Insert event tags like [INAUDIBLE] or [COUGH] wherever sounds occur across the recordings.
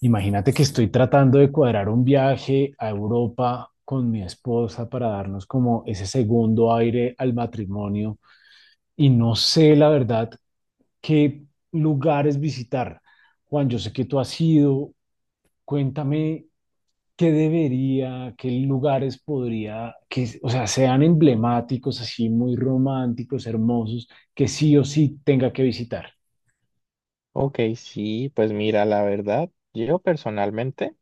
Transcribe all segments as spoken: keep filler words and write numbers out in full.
Imagínate que estoy tratando de cuadrar un viaje a Europa con mi esposa para darnos como ese segundo aire al matrimonio y no sé la verdad qué lugares visitar. Juan, yo sé que tú has ido, cuéntame qué debería, qué lugares podría, que, o sea, sean emblemáticos, así muy románticos, hermosos, que sí o sí tenga que visitar. Ok, sí, pues mira, la verdad, yo personalmente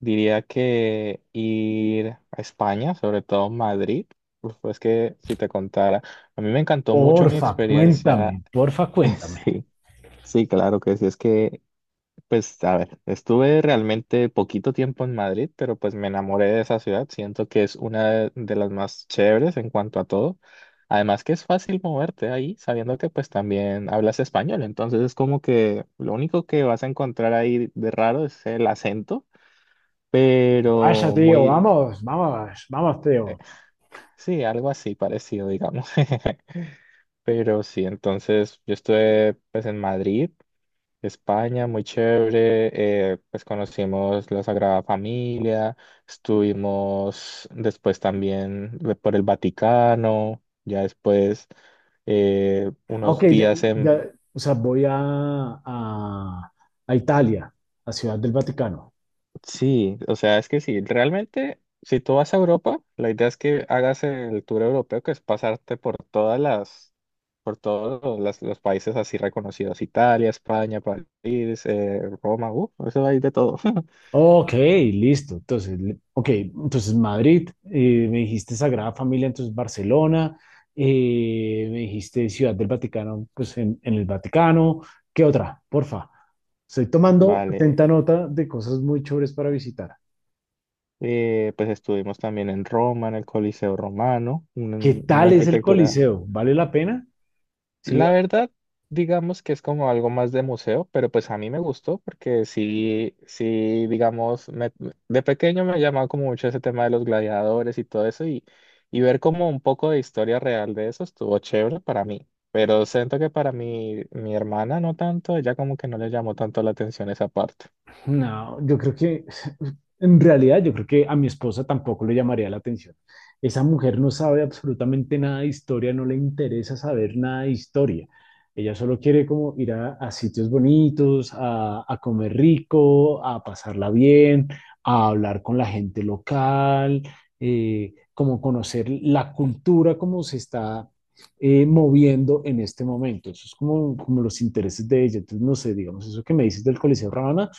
diría que ir a España, sobre todo Madrid, uf, pues que si te contara, a mí me encantó mucho mi Porfa, cuéntame, experiencia. porfa, cuéntame. [LAUGHS] Sí, sí, claro que sí, es que pues a ver, estuve realmente poquito tiempo en Madrid, pero pues me enamoré de esa ciudad. Siento que es una de, de las más chéveres en cuanto a todo. Además que es fácil moverte ahí, sabiendo que pues también hablas español. Entonces es como que lo único que vas a encontrar ahí de raro es el acento, Vaya pero tío, muy, vamos, vamos, vamos, tío. eh, sí, algo así parecido, digamos. [LAUGHS] Pero sí, entonces yo estuve pues en Madrid España, muy chévere. Eh, pues conocimos la Sagrada Familia, estuvimos después también de- por el Vaticano, ya después eh, unos Aunque ya, días en... ya, o sea, voy a, a, a Italia, a Ciudad del Vaticano. Sí, o sea, es que sí, realmente si tú vas a Europa, la idea es que hagas el tour europeo, que es pasarte por todas las, por todos los, los países así reconocidos, Italia, España, París, eh, Roma, uh, eso hay de todo. Ok, listo. Entonces, li- ok, entonces Madrid, eh, me dijiste Sagrada Familia, entonces Barcelona, eh, me dijiste Ciudad del Vaticano, pues en, en el Vaticano. ¿Qué otra? Porfa. Estoy [LAUGHS] tomando Vale. atenta nota de cosas muy chéveres para visitar. Eh, pues estuvimos también en Roma, en el Coliseo Romano, ¿Qué un- una, tal es el arquitectura. Coliseo? ¿Vale la pena? Sí, La vale. verdad, digamos que es como algo más de museo, pero pues a mí me gustó porque sí, sí, digamos, me- de pequeño me llamaba como mucho ese tema de los gladiadores y todo eso y, y ver como un poco de historia real de eso estuvo chévere para mí. Pero siento que para mi, mi hermana no tanto, ella como que no le llamó tanto la atención esa parte. No, yo creo que [LAUGHS] en realidad yo creo que a mi esposa tampoco le llamaría la atención. Esa mujer no sabe absolutamente nada de historia, no le interesa saber nada de historia. Ella solo quiere como ir a, a sitios bonitos, a, a comer rico, a pasarla bien, a hablar con la gente local, eh, como conocer la cultura como se está eh, moviendo en este momento. Eso es como, como los intereses de ella. Entonces, no sé, digamos, eso que me dices del Coliseo Ramana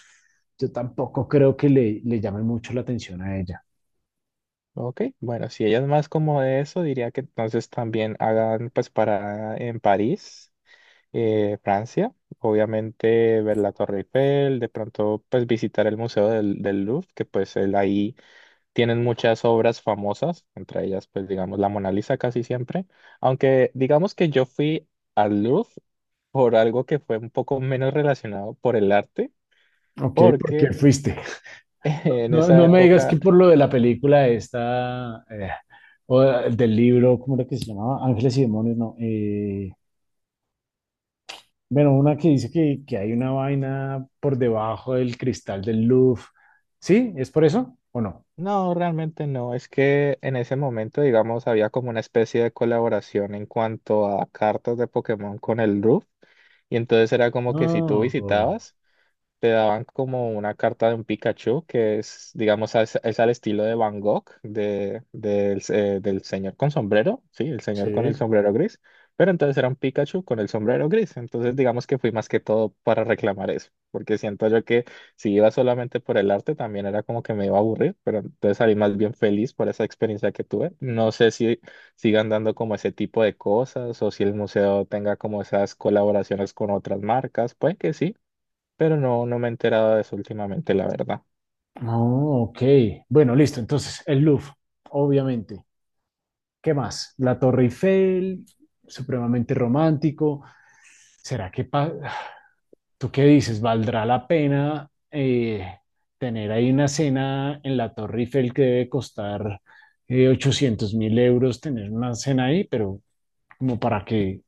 yo tampoco creo que le, le llame mucho la atención a ella. Ok, bueno, si ella es más como de eso, diría que entonces también hagan pues para en París, eh, Francia, obviamente ver la Torre Eiffel, de pronto pues visitar el Museo del, del Louvre, que pues él ahí tienen muchas obras famosas, entre ellas pues digamos la Mona Lisa casi siempre, aunque digamos que yo fui al Louvre por algo que fue un poco menos relacionado por el arte, Ok, ¿por qué porque fuiste? [LAUGHS] en No, esa no me digas que época. por lo de la película esta, eh, o del libro, ¿cómo era que se llamaba? Ángeles y Demonios, no. Eh, bueno, una que dice que, que hay una vaina por debajo del cristal del Louvre. ¿Sí? ¿Es por eso o no? No, realmente no. Es que en ese momento, digamos, había como una especie de colaboración en cuanto a cartas de Pokémon con el Roof. Y entonces era como que si tú Oh, visitabas, te daban como una carta de un Pikachu que es, digamos, es, es al estilo de Van Gogh, de, del eh, del señor con sombrero, sí, el señor con el Sí. sombrero gris, pero entonces era un Pikachu con el sombrero gris, entonces digamos que fui más que todo para reclamar eso, porque siento yo que si iba solamente por el arte también era como que me iba a aburrir, pero entonces salí más bien feliz por esa experiencia que tuve. No sé si sigan dando como ese tipo de cosas o si el museo tenga como esas colaboraciones con otras marcas, puede que sí pero no, no me he enterado de eso últimamente, la verdad. Oh, ok. Bueno, listo. Entonces, el Louvre, obviamente. ¿Qué más? La Torre Eiffel, supremamente romántico. ¿Será que pa- tú qué dices? ¿Valdrá la pena eh, tener ahí una cena en la Torre Eiffel que debe costar ochocientos mil euros tener una cena ahí, pero como para que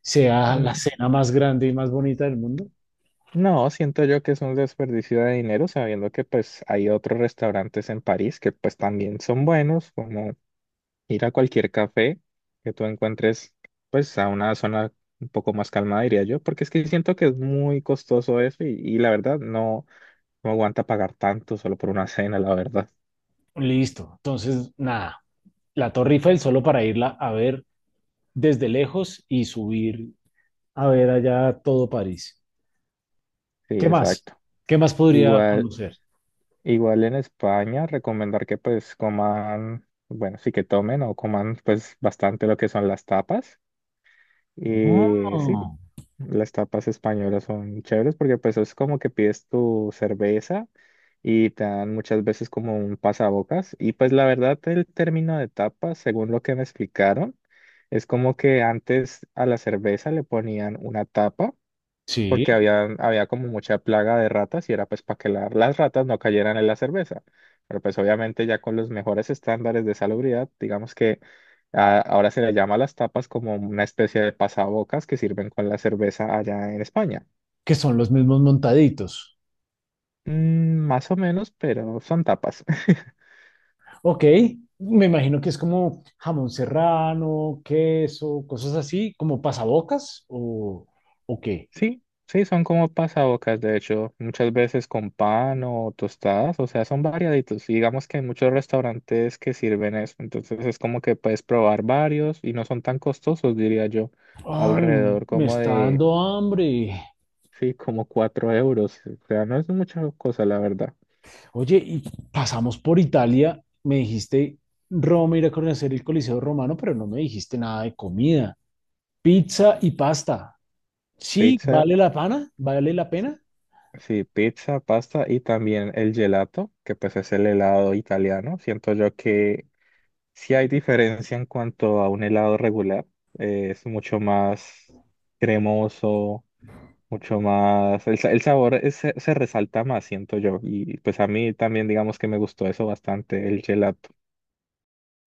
sea la Mm, cena más grande y más bonita del mundo? no, siento yo que es un desperdicio de dinero, sabiendo que pues hay otros restaurantes en París que pues también son buenos, como ir a cualquier café que tú encuentres pues a una zona un poco más calmada, diría yo, porque es que siento que es muy costoso eso y, y la verdad no, no aguanta pagar tanto solo por una cena, la verdad. Listo. Entonces, nada, la Torre Eiffel solo para irla a ver desde lejos y subir a ver allá todo París. Sí, ¿Qué más? exacto. ¿Qué más podría Igual. conocer? Igual en España, recomendar que pues coman, bueno, sí que tomen o coman pues bastante lo que son las tapas. Y sí, Ah, las tapas españolas son chéveres porque pues es como que pides tu cerveza y te dan muchas veces como un pasabocas. Y pues la verdad el término de tapas, según lo que me explicaron, es como que antes a la cerveza le ponían una tapa porque sí, había, había como mucha plaga de ratas y era pues para que la- las ratas no cayeran en la cerveza. Pero pues obviamente ya con los mejores estándares de salubridad, digamos que a- ahora se le llama a las tapas como una especie de pasabocas que sirven con la cerveza allá en España. que son los mismos montaditos. Mm, más o menos, pero son tapas. [LAUGHS] Ok, me imagino que es como jamón serrano, queso, cosas así, como pasabocas o, o qué. Sí, sí, son como pasabocas, de hecho, muchas veces con pan o tostadas, o sea, son variaditos. Y digamos que hay muchos restaurantes que sirven eso, entonces es como que puedes probar varios y no son tan costosos, diría yo, Ay, alrededor me como está de, dando hambre. sí, como cuatro euros. O sea, no es mucha cosa, la verdad. Oye, y pasamos por Italia, me dijiste Roma, ir a conocer el Coliseo Romano, pero no me dijiste nada de comida. Pizza y pasta. Sí, Pizza, vale la pena, vale la pena. sí, pizza, pasta y también el gelato, que pues es el helado italiano. Siento yo que sí hay diferencia en cuanto a un helado regular. Eh, es mucho más cremoso, mucho más... El, sa- el sabor es- se, se resalta más, siento yo. Y pues a mí también digamos que me gustó eso bastante, el gelato.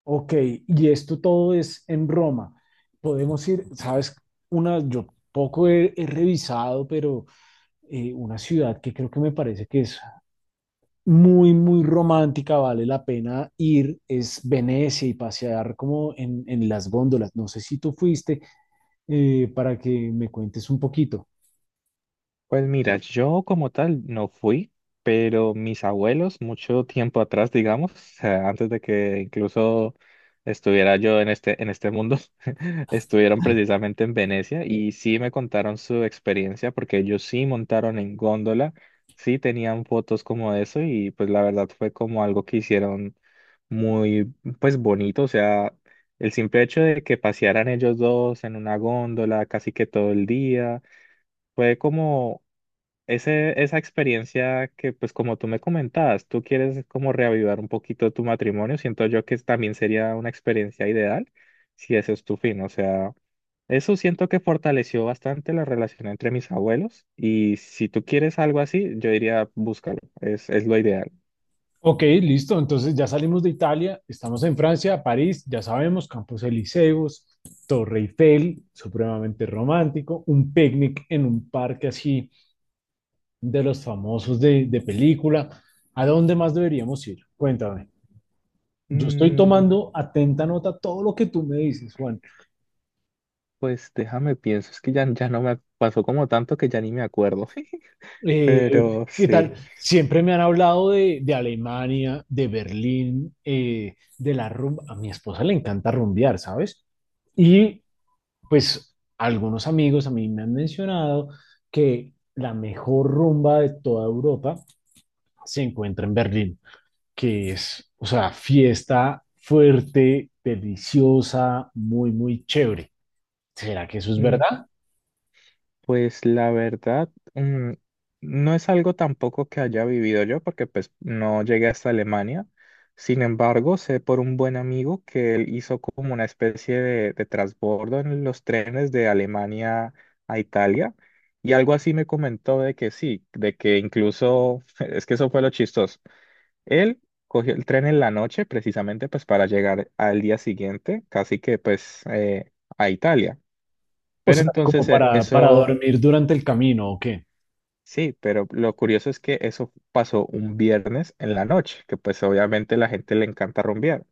Ok, y esto todo es en Roma. Podemos ir, sabes, una, yo poco he he revisado, pero eh, una ciudad que creo que me parece que es muy, muy romántica, vale la pena ir, es Venecia y pasear como en, en las góndolas. No sé si tú fuiste eh, para que me cuentes un poquito. Pues mira, yo como tal no fui, pero mis abuelos mucho tiempo atrás, digamos, o sea, antes de que incluso estuviera yo en este, en este mundo, [LAUGHS] estuvieron precisamente en Venecia y sí me contaron su experiencia porque ellos sí montaron en góndola, sí tenían fotos como eso y pues la verdad fue como algo que hicieron muy pues bonito, o sea, el simple hecho de que pasearan ellos dos en una góndola casi que todo el día fue como ese, esa experiencia que, pues como tú me comentabas, tú quieres como reavivar un poquito tu matrimonio, siento yo que también sería una experiencia ideal si ese es tu fin. O sea, eso siento que fortaleció bastante la relación entre mis abuelos y si tú quieres algo así, yo diría, búscalo, es, es lo ideal. Ok, listo. Entonces ya salimos de Italia, estamos en Francia, París, ya sabemos, Campos Elíseos, Torre Eiffel, supremamente romántico, un picnic en un parque así de los famosos de, de película. ¿A dónde más deberíamos ir? Cuéntame. Yo estoy Mm, tomando atenta nota todo lo que tú me dices, Juan. pues déjame pienso, es que ya, ya no me pasó como tanto que ya ni me acuerdo, [LAUGHS] Eh, pero ¿Qué sí. tal? Siempre me han hablado de, de Alemania, de Berlín, eh, de la rumba. A mi esposa le encanta rumbear, ¿sabes? Y pues algunos amigos a mí me han mencionado que la mejor rumba de toda Europa se encuentra en Berlín, que es, o sea, fiesta fuerte, deliciosa, muy, muy chévere. ¿Será que eso es verdad? Pues la verdad, mm, no es algo tampoco que haya vivido yo, porque pues no llegué hasta Alemania. Sin embargo, sé por un buen amigo que él hizo como una especie de, de transbordo en los trenes de Alemania a Italia. Y algo así me comentó de que sí, de que incluso, [LAUGHS] es que eso fue lo chistoso. Él cogió el tren en la noche precisamente pues para llegar al día siguiente, casi que pues eh, a Italia. O Pero sea, entonces como eh, para, para eso. dormir durante el camino, ¿o qué? Sí, pero lo curioso es que eso pasó un viernes en la noche, que pues obviamente la gente le encanta rumbear.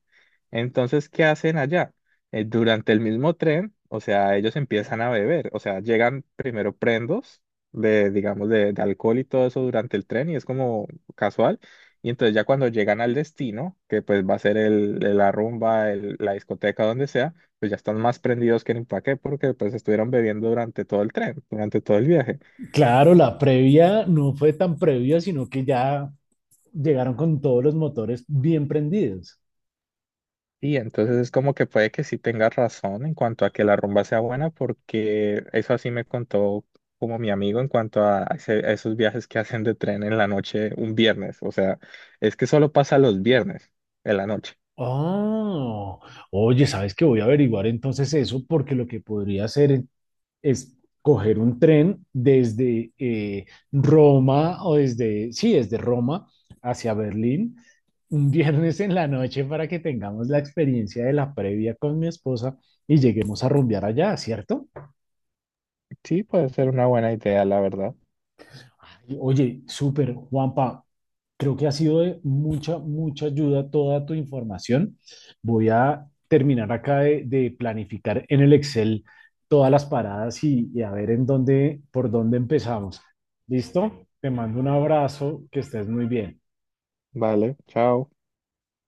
Entonces, ¿qué hacen allá? Eh, durante el mismo tren, o sea, ellos empiezan a beber, o sea, llegan primero prendos de, digamos, de, de alcohol y todo eso durante el tren y es como casual. Y entonces ya cuando llegan al destino, que pues va a ser el, el- la rumba, el- la discoteca, donde sea, pues ya están más prendidos que ni pa' qué, porque pues estuvieron bebiendo durante todo el tren, durante todo el viaje. Claro, la previa no fue tan previa, sino que ya llegaron con todos los motores bien prendidos. Sí, entonces es como que puede que sí tengas razón en cuanto a que la rumba sea buena, porque eso así me contó como mi amigo en cuanto a, ese- a esos viajes que [LAUGHS] hacen de tren en la noche un viernes. O sea, es que solo pasa los viernes en la noche. Oh, oye, ¿sabes qué? Voy a averiguar entonces eso, porque lo que podría hacer es coger un tren desde eh, Roma o desde, sí, desde Roma hacia Berlín un viernes en la noche para que tengamos la experiencia de la previa con mi esposa y lleguemos a rumbear allá, ¿cierto? Sí, puede ser una buena idea, la verdad. Y, Oye, súper, Juanpa. Creo que ha sido de mucha, mucha ayuda toda tu información. Voy a terminar acá de, de planificar en el Excel todas las paradas y, y a ver en dónde, por dónde empezamos. ¿Listo? Te mando un abrazo, que estés muy bien. Vale, chao.